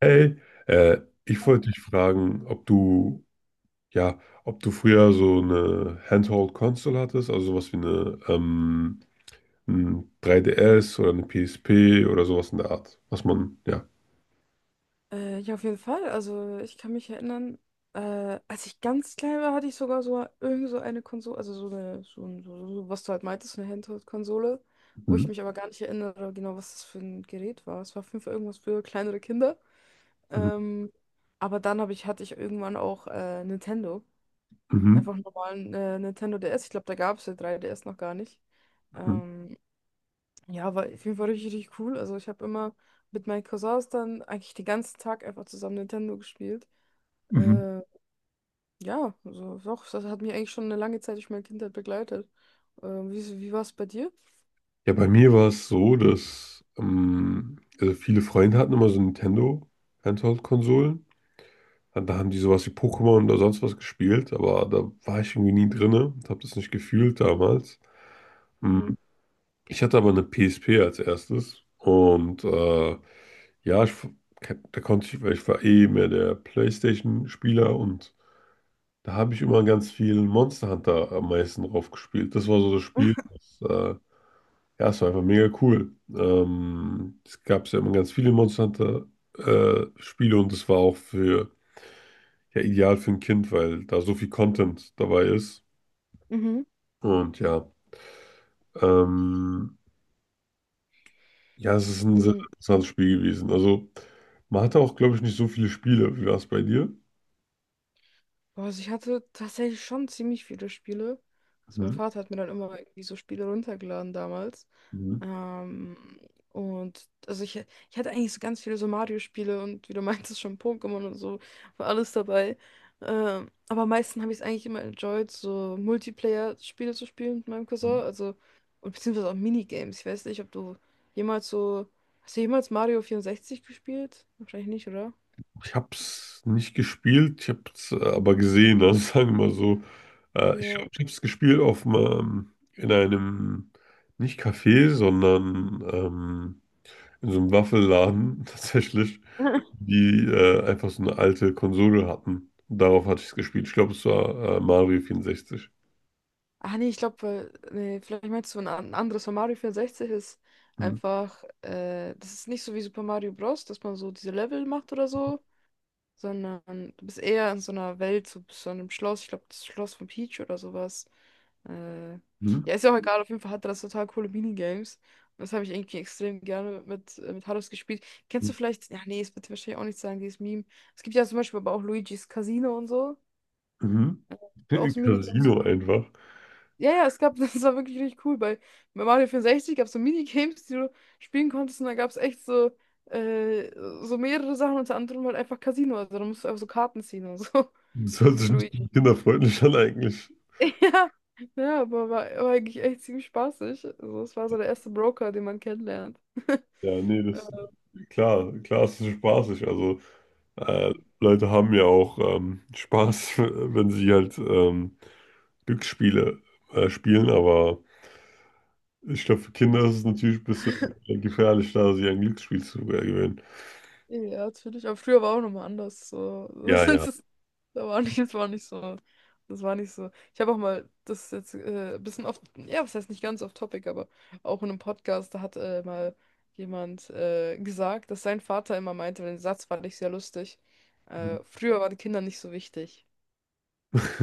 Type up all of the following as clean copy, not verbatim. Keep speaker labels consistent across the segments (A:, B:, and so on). A: Hey, äh, ich wollte dich fragen, ja, ob du früher so eine Handheld-Console hattest, also sowas wie ein 3DS oder eine PSP oder sowas in der Art, was man, ja.
B: Ja, auf jeden Fall. Also ich kann mich erinnern, als ich ganz klein war, hatte ich sogar so irgend so eine Konsole, also so eine, was du halt meintest, so eine Handheld-Konsole, wo
A: Mhm.
B: ich mich aber gar nicht erinnere, genau, was das für ein Gerät war. Es war fünf irgendwas für kleinere Kinder.
A: Mhm.
B: Ähm, aber dann hatte ich irgendwann auch Nintendo.
A: Mhm.
B: Einfach einen normalen Nintendo DS. Ich glaube, da gab es ja 3DS noch gar nicht.
A: Mhm.
B: Ähm, ja, war auf jeden Fall richtig, richtig cool. Also ich habe immer mit meinen Cousins dann eigentlich den ganzen Tag einfach zusammen Nintendo gespielt.
A: Mhm.
B: Äh, ja, also doch, das hat mich eigentlich schon eine lange Zeit durch meine Kindheit begleitet. Wie war es bei dir?
A: Ja, bei mir war es so, dass also viele Freunde hatten immer so Nintendo Handheld-Konsolen. Und da haben die sowas wie Pokémon oder sonst was gespielt, aber da war ich irgendwie nie drinne, habe das nicht gefühlt damals.
B: Mhm.
A: Mhm. Ich hatte aber eine PSP als erstes und ja, da konnte ich, weil ich war eh mehr der PlayStation-Spieler und da habe ich immer ganz viel Monster Hunter am meisten drauf gespielt. Das war so das Spiel, ja, es war einfach mega cool. Es gab ja immer ganz viele Monster Hunter Spiele und das war auch für, ja, ideal für ein Kind, weil da so viel Content dabei ist
B: Mhm.
A: und ähm, Ja, es ist ein sehr
B: Mhm.
A: interessantes Spiel gewesen. Also, man hatte auch, glaube ich, nicht so viele Spiele. Wie war es bei dir?
B: Boah, also ich hatte tatsächlich schon ziemlich viele Spiele. Also mein
A: Mhm.
B: Vater hat mir dann immer irgendwie so Spiele runtergeladen damals.
A: Mhm.
B: Ähm, und also ich hatte eigentlich so ganz viele so Mario-Spiele und wie du meintest schon Pokémon und so, war alles dabei. Aber am meisten habe ich es eigentlich immer enjoyed, so Multiplayer-Spiele zu spielen mit meinem Cousin. Also, und beziehungsweise auch Minigames. Ich weiß nicht, ob du jemals so. Hast du jemals Mario 64 gespielt? Wahrscheinlich nicht, oder?
A: Ich habe es nicht gespielt, ich habe es aber gesehen, also sagen wir mal so. Ich
B: Ja.
A: glaube, ich habe es gespielt auf einem, in einem, nicht Café, sondern in so einem Waffelladen tatsächlich, die einfach so eine alte Konsole hatten. Darauf hatte ich es gespielt. Ich glaube, es war Mario 64.
B: Ah, nee, ich glaube, nee, vielleicht meinst du ein anderes. Von Mario 64 ist
A: Mhm.
B: einfach, das ist nicht so wie Super Mario Bros., dass man so diese Level macht oder so, sondern du bist eher in so einer Welt, so einem Schloss, ich glaube, das Schloss von Peach oder sowas. Äh,
A: Mhm.
B: ja, ist ja auch egal, auf jeden Fall hat das total coole Minigames. Und das habe ich irgendwie extrem gerne mit Haros gespielt. Kennst du vielleicht, ja, nee, es wird dir wahrscheinlich auch nicht sagen, dieses Meme. Es gibt ja zum Beispiel aber auch Luigi's Casino und so.
A: Mhm.
B: Auch so Minigames,
A: Casino einfach.
B: ja, ja, es gab, das war wirklich richtig cool. Bei Mario 64 gab es so Minigames, die du spielen konntest, und da gab es echt äh, so mehrere Sachen, unter anderem halt einfach Casino. Also da musst du einfach so Karten ziehen und so
A: Das hört
B: mit
A: sich nicht so
B: Luigi.
A: kinderfreundlich an eigentlich.
B: Ja, ja, aber war eigentlich echt ziemlich spaßig. Also, es war so der erste Broker, den man kennenlernt.
A: Ja, nee, das klar, klar ist es spaßig. Also äh, Leute haben ja auch Spaß, wenn sie halt Glücksspiele spielen, aber ich glaube, für Kinder ist es natürlich ein bisschen gefährlich, da sie ein Glücksspiel zu gewinnen.
B: Ja, natürlich. Aber früher war auch nochmal anders. So.
A: Ja, ja.
B: Das, ist- Da war nicht, das war nicht so. Das war nicht so. Ich habe auch mal, das ist jetzt ein bisschen off, ja, was heißt nicht ganz off topic, aber auch in einem Podcast, da hat mal jemand gesagt, dass sein Vater immer meinte, den Satz fand ich sehr lustig. Früher waren Kinder nicht so wichtig.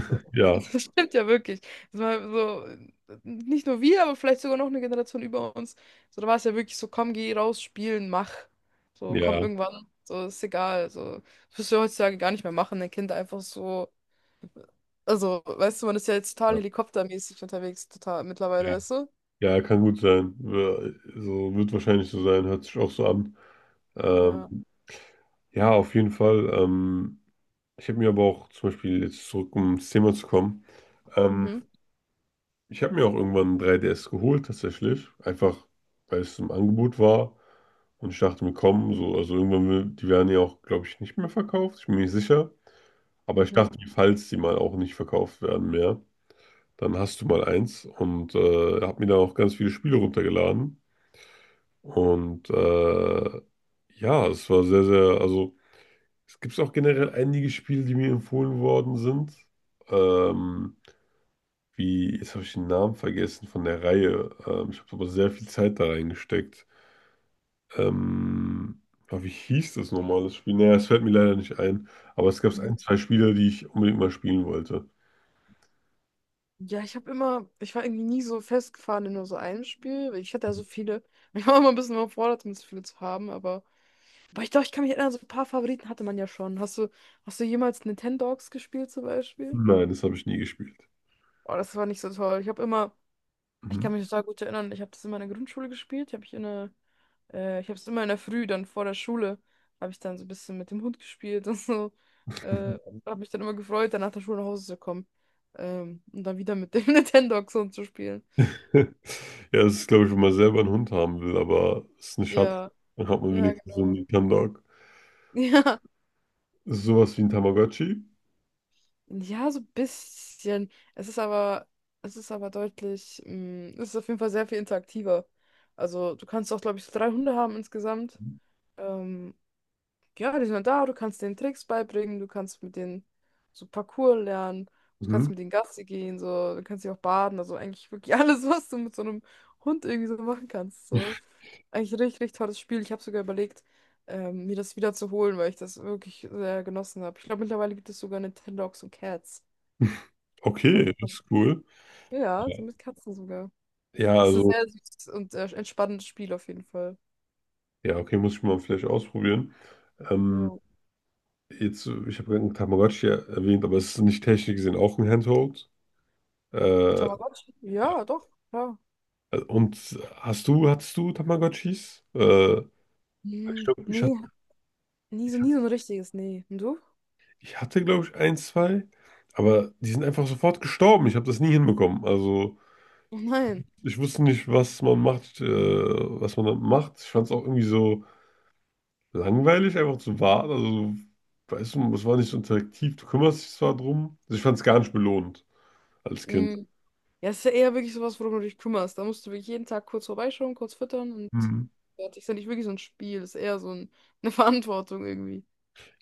B: So.
A: Ja,
B: Das stimmt ja wirklich. Das war so, nicht nur wir, aber vielleicht sogar noch eine Generation über uns. So, da war es ja wirklich so, komm, geh raus, spielen, mach. So,
A: ja,
B: komm irgendwann. So, ist egal. So, das wirst du ja heutzutage gar nicht mehr machen, ein Kind einfach so. Also, weißt du, man ist ja jetzt total
A: ja,
B: helikoptermäßig unterwegs, total mittlerweile,
A: ja.
B: weißt du?
A: Ja, kann gut sein. So wird wahrscheinlich so sein, hört sich auch so an. Ähm,
B: Ja.
A: ja, auf jeden Fall. Ich habe mir aber auch zum Beispiel jetzt zurück, um ins Thema zu kommen, ähm,
B: Mhm.
A: ich habe mir auch irgendwann ein 3DS geholt tatsächlich, einfach weil es im Angebot war und ich dachte mir, komm, so, also irgendwann, die werden ja auch, glaube ich, nicht mehr verkauft, ich bin mir nicht sicher, aber ich
B: Mhm.
A: dachte mir, falls die mal auch nicht verkauft werden mehr, dann hast du mal eins und habe mir dann auch ganz viele Spiele runtergeladen und ja, es war sehr, sehr, also es gibt auch generell einige Spiele, die mir empfohlen worden sind. Ähm, jetzt habe ich den Namen vergessen von der Reihe. Ich habe aber sehr viel Zeit da reingesteckt. Ähm, aber wie hieß das nochmal, das Spiel? Naja, es fällt mir leider nicht ein. Aber es gab
B: Mhm.
A: ein, zwei Spiele, die ich unbedingt mal spielen wollte.
B: Ja, ich habe immer, ich war irgendwie nie so festgefahren in nur so einem Spiel, weil ich hatte ja so viele. Ich war immer ein bisschen überfordert, um so viele zu haben, aber. Aber ich glaube, ich kann mich erinnern, so ein paar Favoriten hatte man ja schon. Hast du jemals Nintendogs gespielt zum Beispiel?
A: Nein, das habe ich nie gespielt.
B: Oh, das war nicht so toll. Ich habe immer, ich
A: Mhm.
B: kann mich total gut erinnern, ich habe das immer in der Grundschule gespielt. Hab ich in der, Ich habe es immer in der Früh, dann vor der Schule, habe ich dann so ein bisschen mit dem Hund gespielt und so. Äh, Habe mich dann immer gefreut, dann nach der Schule nach Hause zu kommen. Und dann wieder mit dem Nintendogs und zu spielen.
A: Ja, das ist, glaube ich, wenn man selber einen Hund haben will, aber es ist eine Schande.
B: Ja,
A: Dann hat man
B: ja,
A: wenigstens so einen
B: genau.
A: Nintendog.
B: Ja,
A: Ist sowas wie ein Tamagotchi?
B: ja, so ein bisschen. Es ist aber deutlich, es ist auf jeden Fall sehr viel interaktiver. Also du kannst auch, glaube ich, so drei Hunde haben insgesamt. Ähm, ja, die sind dann da, du kannst denen Tricks beibringen, du kannst mit denen so Parkour lernen, du kannst
A: Mhm.
B: mit denen Gassi gehen, so, du kannst sie auch baden, also eigentlich wirklich alles, was du mit so einem Hund irgendwie so machen kannst. So. Eigentlich ein richtig, richtig tolles Spiel. Ich habe sogar überlegt, mir das wieder zu holen, weil ich das wirklich sehr genossen habe. Ich glaube, mittlerweile gibt es sogar Nintendogs und Cats.
A: Okay,
B: Also,
A: das ist cool.
B: ja,
A: Ja,
B: so mit Katzen sogar.
A: ja
B: Das ist ein
A: also,
B: sehr süßes und entspannendes Spiel auf jeden Fall.
A: ja, okay, muss ich mal vielleicht ausprobieren. Ähm,
B: Ja.
A: Jetzt, ich habe einen Tamagotchi erwähnt, aber es ist nicht technisch gesehen auch ein Handheld. Äh, ja.
B: Tamagotchi? Ja, doch, klar.
A: Und hattest du Tamagotchis? Ich glaube, ich
B: Nee,
A: hatte,
B: hat nie so ein richtiges, nee. Und du?
A: ich hatte, glaube ich, ein, zwei, aber die sind einfach sofort gestorben. Ich habe das nie hinbekommen. Also,
B: Oh nein.
A: ich wusste nicht, was man da macht. Ich fand es auch irgendwie so langweilig, einfach zu warten. Also, weißt du, es war nicht so interaktiv. Du kümmerst dich zwar drum. Also, ich fand es gar nicht belohnt als Kind.
B: Hm. Ja, es ist ja eher wirklich sowas, worum du dich kümmerst. Da musst du wirklich jeden Tag kurz vorbeischauen, kurz füttern und fertig. Ist ja nicht wirklich so ein Spiel, ist eher so ein, eine Verantwortung irgendwie.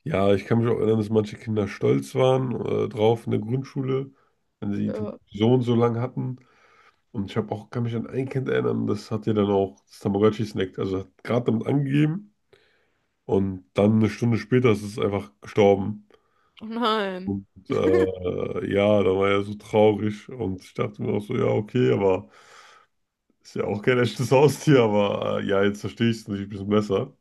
A: Ja, ich kann mich auch erinnern, dass manche Kinder stolz waren drauf in der Grundschule, wenn sie
B: Ja.
A: so und so lang hatten. Und ich habe auch, kann mich an ein Kind erinnern, das hat ja dann auch das Tamagotchi snackt. Also hat gerade damit angegeben und dann eine Stunde später ist es einfach gestorben.
B: Oh nein.
A: Und ja, da war er so traurig und ich dachte mir auch so, ja, okay, aber ist ja auch kein echtes Haustier, aber ja, jetzt verstehe ich es natürlich ein bisschen besser.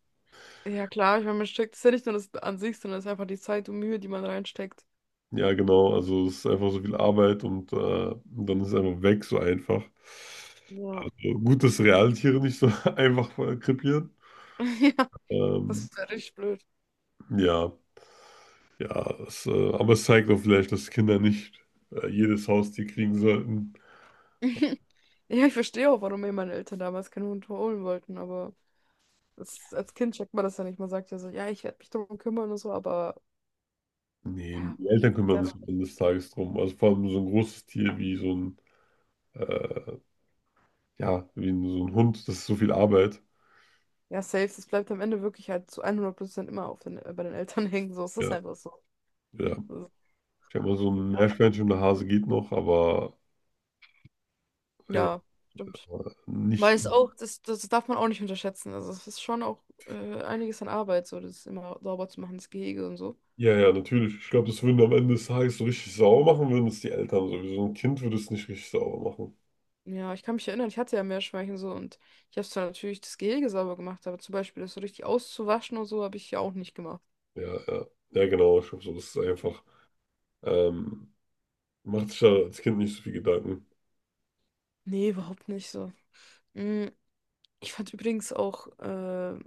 B: Ja, klar, ich meine, man steckt, ist ja nicht nur das an sich, sondern es ist einfach die Zeit und Mühe, die man reinsteckt.
A: Ja, genau. Also es ist einfach so viel Arbeit und dann ist es einfach weg, so einfach.
B: Ja.
A: Also gut, dass Realtiere nicht so einfach krepieren.
B: Ja,
A: Ähm,
B: das wäre richtig blöd.
A: ja, ja, es, aber es zeigt auch vielleicht, dass Kinder nicht jedes Haustier kriegen sollten.
B: Ja, ich verstehe auch, warum mir meine Eltern damals keinen Hund holen wollten, aber das, als Kind checkt man das ja nicht. Man sagt ja so, ja, ich werde mich darum kümmern und so, aber
A: Nee,
B: ja,
A: die Eltern kümmern sich
B: selber.
A: am Ende des Tages drum. Also vor allem so ein großes Tier wie so ein, äh, ja, so ein Hund, das ist so viel Arbeit.
B: Ja, safe, das bleibt am Ende wirklich halt zu 100% immer bei den Eltern hängen. So, es ist das
A: Ja,
B: einfach so.
A: ja.
B: Das
A: Ich sag mal, so ein
B: Ja,
A: Meerschweinchen und ein Hase geht noch, aber äh,
B: ja, stimmt.
A: nicht.
B: Weil es auch, das darf man auch nicht unterschätzen. Also es ist schon auch einiges an Arbeit, so das immer sauber zu machen, das Gehege und so.
A: Ja, ja, natürlich. Ich glaube, das würden am Ende des Tages so richtig sauer machen, würden es die Eltern sowieso. Ein Kind würde es nicht richtig sauer machen.
B: Ja, ich kann mich erinnern, ich hatte ja Meerschweinchen so und ich habe zwar natürlich das Gehege sauber gemacht, aber zum Beispiel das so richtig auszuwaschen und so habe ich ja auch nicht gemacht.
A: Ja, ja. Ja, genau. Ich glaube, so, das ist einfach. Ähm, Macht sich da als Kind nicht so viel Gedanken.
B: Nee, überhaupt nicht so. Mm, Ich fand übrigens auch,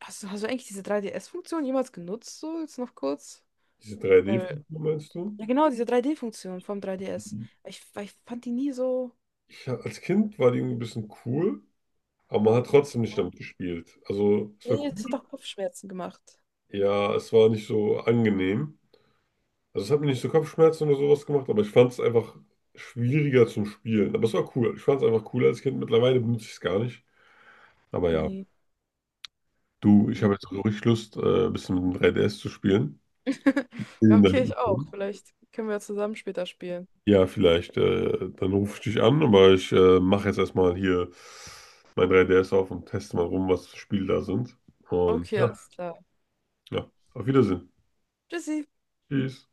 B: hast du eigentlich diese 3 S funktion jemals genutzt, so jetzt noch kurz?
A: Diese 3D-Filme,
B: Weil,
A: meinst du?
B: ja genau, diese 3D-Funktion vom 3DS.
A: Mhm.
B: Weil ich fand die nie so.
A: Als Kind war die irgendwie ein bisschen cool, aber man hat trotzdem nicht damit gespielt. Also, es war
B: Nee, es hat
A: cool.
B: auch Kopfschmerzen gemacht.
A: Ja, es war nicht so angenehm. Also, es hat mir nicht so Kopfschmerzen oder sowas gemacht, aber ich fand es einfach schwieriger zum Spielen. Aber es war cool. Ich fand es einfach cool als Kind. Mittlerweile benutze ich es gar nicht. Aber ja.
B: Nee,
A: Du, ich habe
B: nee.
A: jetzt so richtig Lust, ein bisschen mit dem 3DS zu spielen.
B: Ja,
A: Vielen
B: okay,
A: Dank.
B: ich auch. Vielleicht können wir ja zusammen später spielen.
A: Ja, vielleicht. Dann rufe ich dich an, aber ich mache jetzt erstmal hier mein 3DS auf und teste mal rum, was für Spiele da sind. Und
B: Okay,
A: ja,
B: alles klar.
A: ja, auf Wiedersehen.
B: Tschüssi.
A: Tschüss.